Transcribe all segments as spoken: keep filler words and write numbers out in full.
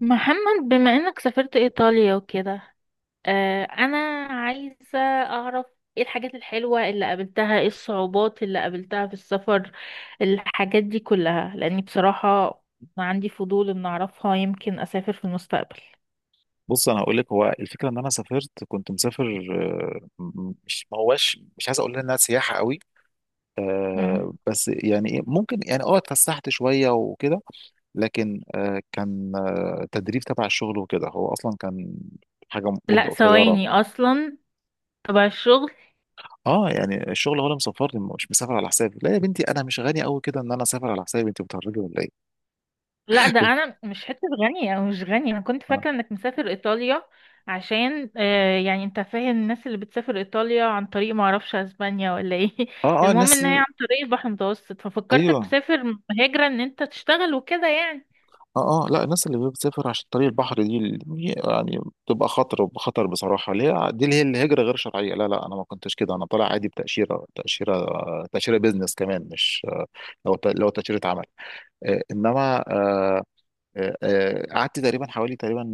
محمد، بما انك سافرت ايطاليا وكده، آه انا عايزة اعرف ايه الحاجات الحلوة اللي قابلتها، ايه الصعوبات اللي قابلتها في السفر، الحاجات دي كلها، لاني بصراحة عندي فضول ان اعرفها، يمكن اسافر في المستقبل. بص، انا هقول لك. هو الفكره ان انا سافرت، كنت مسافر. آه، م- مش، ما هواش، مش عايز اقول انها سياحه قوي. مم. آه، بس يعني إيه، ممكن يعني اه اتفسحت شويه وكده. لكن آه، كان آه، تدريب تبع الشغل وكده. هو اصلا كان حاجه لا، مده قصيره. ثواني اصلا، تبع الشغل. اه يعني الشغل هو اللي مسافرني، مش مسافر على حسابي. لا يا بنتي، انا مش غني قوي كده ان انا اسافر على حسابي. انت بتهرجي ولا ايه؟ لا، ده انا مش حته غني، او مش غني، انا كنت اه، فاكره انك مسافر ايطاليا. عشان آه يعني انت فاهم، الناس اللي بتسافر ايطاليا عن طريق، ما اعرفش اسبانيا ولا ايه، اه، آه، المهم الناس. ان هي عن طريق البحر المتوسط، ففكرتك ايوه. تسافر هجره ان انت تشتغل وكده يعني. اه، اه، لا، الناس اللي بتسافر عشان طريق البحر دي ال- يعني بتبقى خطر خطر بصراحه، اللي هي دي، اللي هي الهجره غير شرعيه. لا، لا، انا ما كنتش كده، انا طالع عادي بتاشيره، تاشيره تاشيره بيزنس كمان، مش. لو ت- لو تاشيره عمل. آه، انما آه، آه، آه، قعدت تقريبا، حوالي تقريبا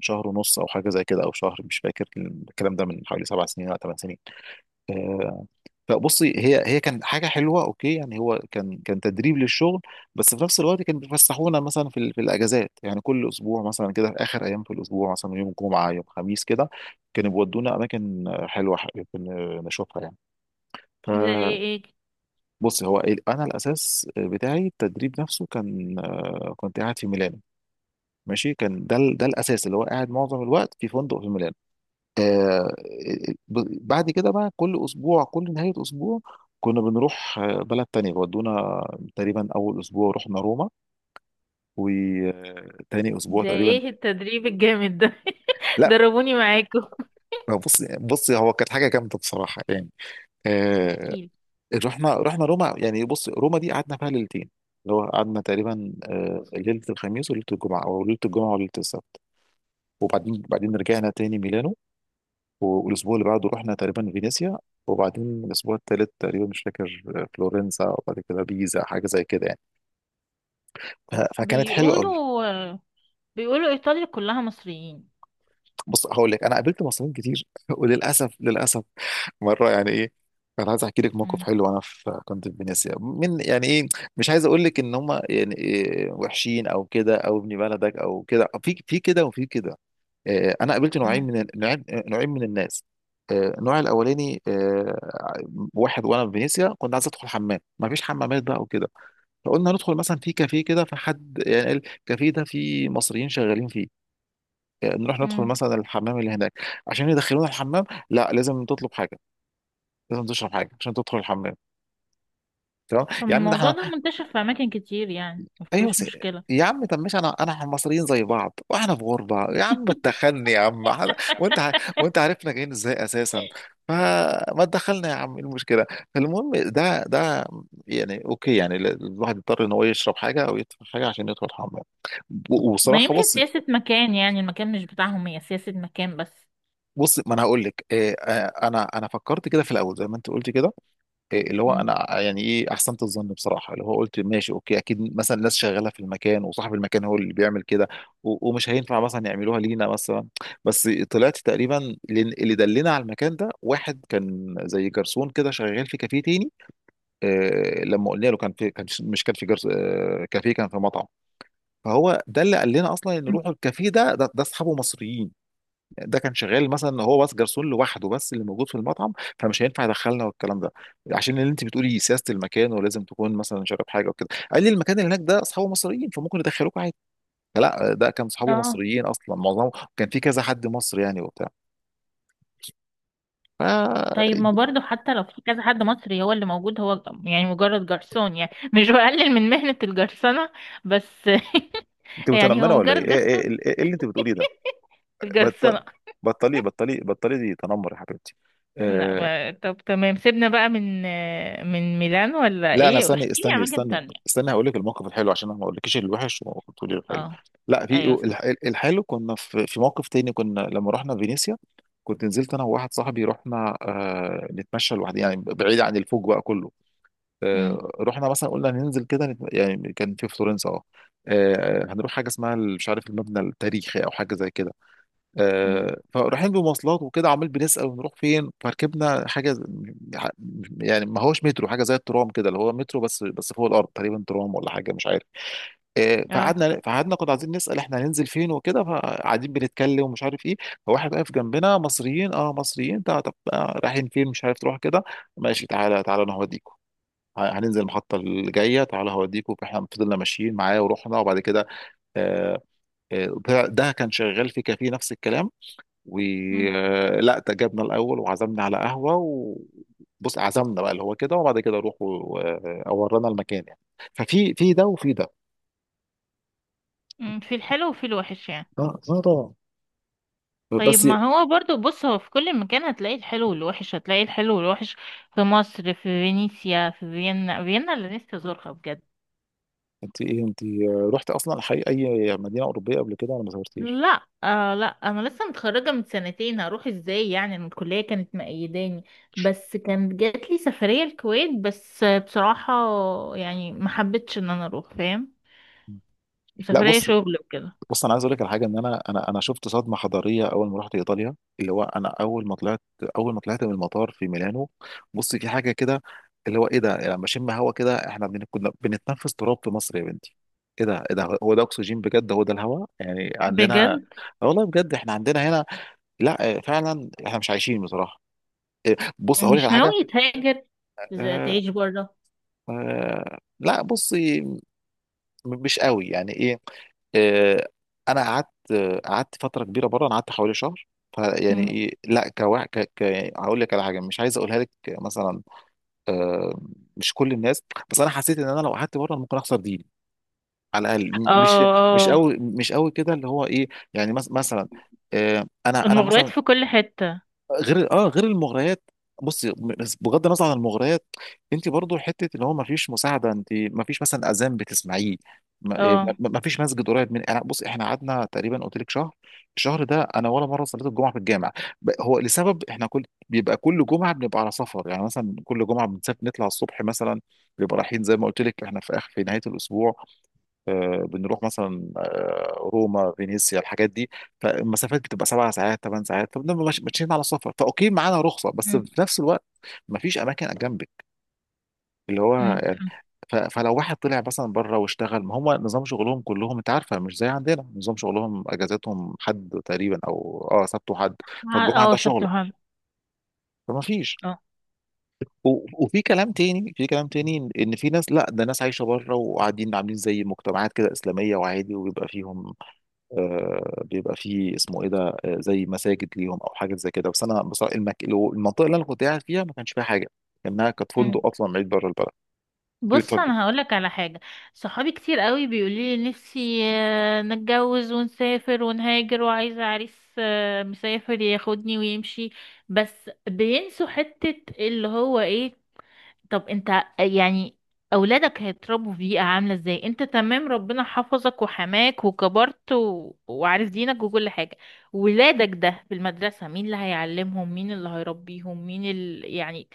شهر ونص او حاجه زي كده، او شهر، مش فاكر. الكلام ده من حوالي سبع سنين او ثمان سنين. آه، فبصي، هي هي كانت حاجه حلوه. اوكي يعني، هو كان كان تدريب للشغل. بس في نفس الوقت كانوا بيفسحونا مثلا في ال- في الاجازات. يعني كل اسبوع مثلا كده، في اخر ايام في الاسبوع، مثلا يوم جمعه، يوم خميس كده، كانوا بيودونا اماكن حلوه، ح- كنا نشوفها يعني. ده ايه؟ إيه؟ بص، هو ال- انا الاساس بتاعي التدريب نفسه، كان كنت قاعد في ميلانو. ماشي، كان ده ال- ده الاساس اللي هو قاعد معظم الوقت في فندق في ميلانو. آه، ب- بعد كده بقى كل اسبوع، كل نهايه اسبوع كنا بنروح آه، بلد تانية، بودونا. تقريبا اول اسبوع رحنا روما، وتاني اسبوع ده تقريبا. ايه التدريب الجامد ده؟ لا، دربوني معاكم. بص بص، هو كانت حاجه جامده بصراحه يعني. آه، احكيلي. رحنا رحنا روما. يعني بص، روما دي قعدنا فيها ليلتين، اللي هو قعدنا تقريبا آه، ليله الخميس وليله الجمعه، او ليله الجمعه وليله السبت، وبعدين بعدين رجعنا تاني ميلانو، والاسبوع اللي بعده رحنا تقريبا فينيسيا، وبعدين الاسبوع التالت تقريبا، مش فاكر، آه، فلورنسا، وبعد كده بيزا، حاجه زي كده يعني. ف- فكانت حلوه قوي. بيقولوا بيقولوا ايطاليا كلها مصريين. بص، هقول لك، انا قابلت مصريين كتير وللاسف، للاسف، مره يعني ايه. انا عايز احكي لك موقف مم. حلو وانا في كنت في فينيسيا، من يعني ايه. مش عايز اقول لك ان هم يعني إيه وحشين او كده، او ابن بلدك او كده، في في كده وفي كده. آه، انا قابلت نوعين مم. من ال- نوعين آه، نوعين من الناس. آه، النوع الاولاني، آه، واحد وانا في فينيسيا كنت عايز ادخل حمام، ما فيش حمامات بقى وكده. فقلنا ندخل مثلا في كافيه كده، فحد يعني قال الكافيه ده فيه مصريين شغالين فيه. آه، نروح ندخل مم. مثلا الحمام اللي هناك عشان يدخلونا الحمام. لا، لازم تطلب حاجه، لازم تشرب حاجه عشان تدخل الحمام. تمام طب يا عم، ده. الموضوع ده منتشر في اماكن كتير يعني، ايوه، مفيش س... مشكله. يا عم طب ماشي، انا انا احنا مصريين زي بعض، واحنا في غربه يا عم، اتدخلني يا عم، احنا- وانت ع- وانت عارفنا جايين ازاي اساسا. فما تدخلنا يا عم، ايه المشكله؟ فالمهم، ده ده يعني اوكي، يعني ال- الواحد يضطر ان هو يشرب حاجه او يدفع حاجه عشان يدخل الحمام. و- ما وصراحه يمكن بص. سياسة مكان يعني، المكان مش بتاعهم، هي سياسة مكان بس. بص، ما انا هقول لك إيه. آه، انا انا فكرت كده في الاول زي ما انت قلت كده، إيه اللي هو مم. انا يعني ايه، احسنت الظن بصراحه، اللي هو قلت ماشي، اوكي اكيد مثلا ناس شغاله في المكان وصاحب المكان هو اللي بيعمل كده، و- ومش هينفع مثلا يعملوها لينا مثلا. بس طلعت تقريبا، لأن اللي دلنا على المكان ده، واحد كان زي جرسون كده شغال في كافيه تاني. آه، لما قلنا له كان في، كان، مش كان في جرس، آه كافيه، كان في مطعم. فهو ده اللي قال لنا اصلا ان روحوا الكافيه ده، ده ده اصحابه مصريين. ده كان شغال مثلا هو بس جرسون لوحده، بس اللي موجود في المطعم، فمش هينفع يدخلنا والكلام ده. عشان اللي انت بتقولي سياسه المكان، ولازم تكون مثلا شارب حاجه وكده، قال لي المكان اللي هناك ده اصحابه مصريين فممكن يدخلوك عادي. لا، ده كان اصحابه اه. مصريين اصلا معظمهم، كان في كذا حد مصري يعني وبتاع. ف، طيب ما برضو، حتى لو في كذا حد مصري هو اللي موجود، هو يعني مجرد جرسون، يعني مش بقلل من مهنة الجرسنة، بس انت يعني هو متنمره ولا ايه، مجرد ايه جرسون. ايه, إيه اللي انت بتقوليه ده؟ بط... الجرسنة. بطلي بطلي بطلي، دي تنمر يا حبيبتي. لا، آه، ما... طب تمام، سيبنا بقى من من ميلان ولا لا، انا، ايه، استني واحكي لي استني عن اماكن استني تانية. استني، هقول لك الموقف الحلو عشان انا ما اقولكش الوحش وتقولي الحلو. اه، لا، في ايوه الح- صح. الحلو. كنا في في موقف تاني، كنا لما رحنا فينيسيا. كنت نزلت انا وواحد صاحبي، رحنا آه نتمشى لوحدنا، يعني بعيد عن الفوج بقى كله. امم. آه رحنا مثلا، قلنا ننزل كده نت- يعني. كان في فلورنسا، اه. آه، هنروح حاجه اسمها ال- مش عارف، المبنى التاريخي او حاجه زي كده. امم. آه، فرايحين بمواصلات وكده، عمال بنسأل ونروح فين، فركبنا حاجة ز- يعني، ما هوش مترو، حاجة زي الترام كده، اللي هو مترو بس بس فوق الأرض تقريبا، ترام ولا حاجة، مش عارف. آه، اه. فقعدنا فقعدنا كنا عايزين نسأل احنا هننزل فين وكده، فقاعدين بنتكلم ومش عارف ايه. فواحد واقف جنبنا، مصريين، اه مصريين. طب طب، آه، رايحين فين؟ مش عارف، تروح كده، ماشي، تعالى تعالى، انا هوديكوا. ه- هننزل المحطة اللي جاية، تعالى هوديكوا. فاحنا فضلنا ماشيين معاه ورحنا، وبعد كده آه، آه، ده ده كان شغال في كافيه، نفس الكلام. امم. ولا جبنا الاول وعزمنا على قهوه و... بص، عزمنا بقى اللي هو كده، وبعد كده روحوا آه، ورانا المكان يعني. ففي في ده وفي ده. أمم. في الحلو وفي الوحش يعني. اه، اه، طبعا. طيب، بس ما هو برضو، بص، هو في كل مكان هتلاقي الحلو والوحش، هتلاقي الحلو والوحش. في مصر، في فينيسيا، في فيينا. فيينا اللي نفسي ازورها بجد. انت، ايه، انت رحت اصلا حي اي مدينه اوروبيه قبل كده، ولا ما زورتيش؟ لا، آه لا، انا لسه متخرجه من سنتين، هروح ازاي يعني؟ أنا الكليه كانت مقيداني، بس كانت جات لي سفريه الكويت، بس بصراحه يعني ما حبيتش ان انا اروح، فاهم؟ لا، سفريه بص، شغل وكده. بص انا عايز اقول لك على حاجه، ان انا انا انا شفت صدمه حضاريه اول ما رحت ايطاليا. اللي هو انا، اول ما طلعت اول ما طلعت من المطار في ميلانو. بص، في حاجه كده، اللي هو ايه ده، يعني لما اشم هوا كده، احنا بن- كنا بنتنفس تراب في مصر يا بنتي. ايه ده، ايه ده، هو ده اكسجين بجد، هو ده الهوا يعني عندنا. بجد آه والله بجد، احنا عندنا هنا، لا. آه، فعلا احنا مش عايشين بصراحه. آه، بص هقول لك مش على حاجه. ناوي تهاجر، ز- آه، تعيش بره؟ آه، لا، بص، مش قوي يعني ايه. آه، انا قعدت، قعدت فتره كبيره بره، انا قعدت حوالي شهر. فيعني ايه، لا، كواحد ك... ك... هقول لك على حاجه مش عايز اقولها لك مثلا. آه، مش كل الناس، بس انا حسيت ان انا لو قعدت بره ممكن اخسر ديني، على الاقل. م- اه، مش مش اه. قوي، مش قوي كده، اللي هو ايه، يعني مس... مثلا، آه، انا انا المغريات مثلا، في كل حته. غير اه غير المغريات. بصي، بغض النظر عن المغريات، انت برضو حته اللي هو ما فيش مساعده، انت ما فيش مثلا اذان بتسمعيه. ما إيه، اه. ما- ما فيش مسجد قريب من، يعني بص، احنا قعدنا تقريبا قلت لك شهر. الشهر ده، انا ولا مره صليت الجمعه في الجامع. ب- هو لسبب، احنا كل، بيبقى كل جمعه بنبقى على سفر، يعني مثلا كل جمعه بنسافر نطلع الصبح مثلا، بيبقى رايحين زي ما قلت لك، احنا في اخر في نهايه الاسبوع. آه، بنروح مثلا آه، روما، فينيسيا، الحاجات دي. فالمسافات بتبقى سبع ساعات، ثمان ساعات، فبنبقى ماش- ماشيين على سفر. فاوكي، معانا رخصه، بس في نفس الوقت، مفيش اماكن جنبك، اللي هو امم. يعني. ف- فلو واحد طلع مثلا بره واشتغل، ما هم نظام شغلهم كلهم انت عارفه مش زي عندنا، نظام شغلهم اجازتهم حد تقريبا او اه سبت وحد، فالجمعه اه، ده سبت شغل، وحد. فما فيش. اه. و- وفي كلام تاني، في كلام تاني ان إن في ناس، لا، ده ناس عايشه بره وقاعدين عاملين زي مجتمعات كده اسلاميه، وعادي، وبيبقى فيهم آه، بيبقى فيه، اسمه ايه ده، آه، زي مساجد ليهم او حاجات زي كده. بس انا بصراحه، المك... لو- المنطقه اللي انا كنت قاعد فيها ما كانش فيها حاجه، لانها كانت أمم. فندق اصلا بعيد بره البلد. بص يتفق- انا هقولك على حاجه. صحابي كتير قوي بيقولوا لي نفسي آه، نتجوز ونسافر ونهاجر، وعايزه عريس آه، مسافر ياخدني ويمشي. بس بينسوا حته اللي هو ايه. طب انت، يعني اولادك هيتربوا في بيئه عامله ازاي؟ انت تمام، ربنا حفظك وحماك وكبرت و... وعارف دينك وكل حاجه. ولادك ده في المدرسة، مين اللي هيعلمهم، مين اللي هيربيهم، مين ال... يعني،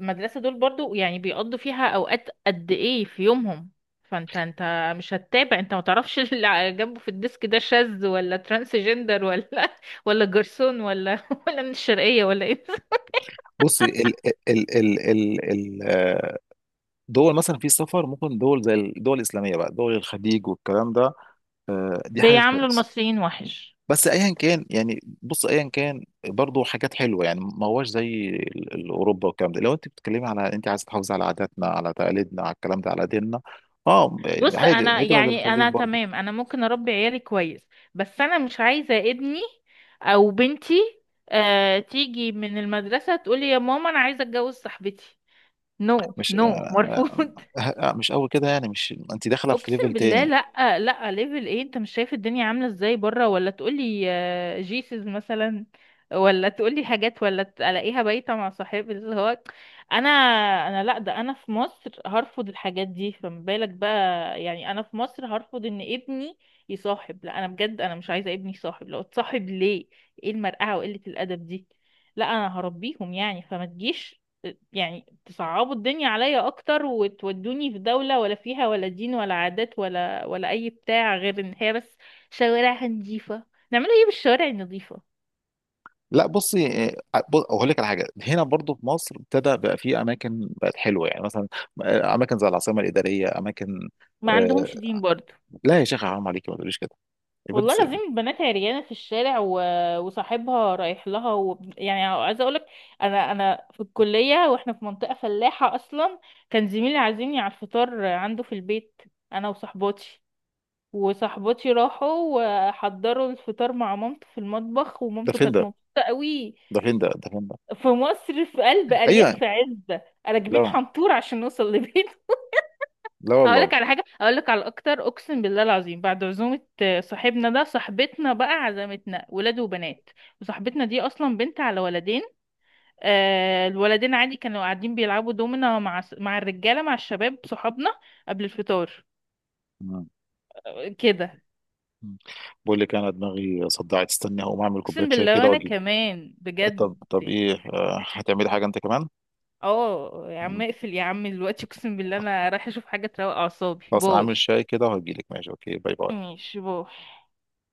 المدرسة دول برضو يعني، بيقضوا فيها اوقات قد ايه في يومهم؟ فانت انت مش هتتابع، انت ما تعرفش اللي على جنبه في الديسك ده شاذ، ولا ترانسجندر، ولا ولا جرسون، ولا ولا من الشرقية ولا ايه. بص، ال ال ال ال ال- آه، دول مثلا في السفر، ممكن دول زي الدول الاسلاميه بقى، دول الخليج والكلام ده. آه، دي حاجه بيعاملوا كويسه. المصريين وحش. بس ايا كان، يعني بص، ايا كان، برضو حاجات حلوه، يعني ما هوش زي ال- ال- اوروبا والكلام ده، لو انت بتتكلمي على انت عايز تحافظي على عاداتنا، على تقاليدنا، على الكلام ده، على ديننا. اه، بص عادي، انا هجره يعني للخليج انا برضو. تمام، انا ممكن اربي عيالي كويس. بس انا مش عايزة ابني او بنتي آه تيجي من المدرسة تقولي يا ماما انا عايزة اتجوز صاحبتي. نو، مش، آه، نو، آه، مرفوض. آه، آه، مش قوي كده يعني، مش، انت داخله في ليفل اقسم بالله، تاني. لا، لا، ليفل ايه؟ انت مش شايف الدنيا عامله ازاي بره، ولا تقولي آه، جيسز مثلا، ولا تقولي حاجات ولا تلاقيها بايته مع صاحب اللي هو، انا انا لا، ده انا في مصر هرفض الحاجات دي، فما بالك بقى. يعني انا في مصر هرفض ان ابني يصاحب، لا، انا بجد انا مش عايزه ابني يصاحب، لو اتصاحب ليه، ايه المرقعه وقله الادب دي؟ لا، انا هربيهم يعني، فما تجيش يعني تصعبوا الدنيا عليا اكتر، وتودوني في دولة ولا فيها ولا دين ولا عادات، ولا ولا اي بتاع، غير ان هي بس شوارعها نظيفة. نعملوا ايه بالشوارع النظيفة؟ لا، بصي، آه، بص- اقول لك على حاجه، هنا برضو في مصر ابتدى بقى في اماكن بقت حلوه، يعني مثلا آه، اماكن زي العاصمه الاداريه، اماكن. ما آه، عندهمش دين برضو. لا يا شيخ، حرام عليكي، ما تقوليش كده يا بنت. والله لازم البنات عريانة في الشارع و... وصاحبها رايح لها، و... يعني عايزة اقولك، انا انا في الكلية، واحنا في منطقة فلاحة اصلا، كان زميلي عازمني على الفطار عنده في البيت، انا وصاحباتي، وصاحبتي راحوا وحضروا الفطار مع مامته في المطبخ، ده ومامته فين كانت ده، مبسوطة قوي. ده فين ده، ده فين ده؟ في مصر، في قلب أرياف، ايوه. في عزة، راكبين لا، حنطور عشان نوصل لبيته. لا، والله. هقولك على حاجة، هقولك على أكتر. أقسم بالله العظيم، بعد عزومة آه، صاحبنا ده، صاحبتنا بقى عزمتنا، ولاد وبنات، وصاحبتنا دي أصلا بنت على ولدين. آه، الولدين عادي كانوا قاعدين بيلعبوا دومنا مع س- مع الرجالة، مع الشباب صحابنا، قبل الفطار. مم. آه، كده. مم. بقول لك انا دماغي صدعت، استني هقوم اعمل كوبايه أقسم شاي بالله، كده وأنا واجي. كمان طب بجد. طب، ايه، آه، هتعملي حاجه انت كمان؟ اه يا عم، مم. اقفل يا عم دلوقتي، اقسم بالله انا رايحه اشوف حاجه تروق اعصابي. خلاص، انا باي. عامل شاي كده وهجيلك، ماشي، اوكي، باي باي. ماشي، باي.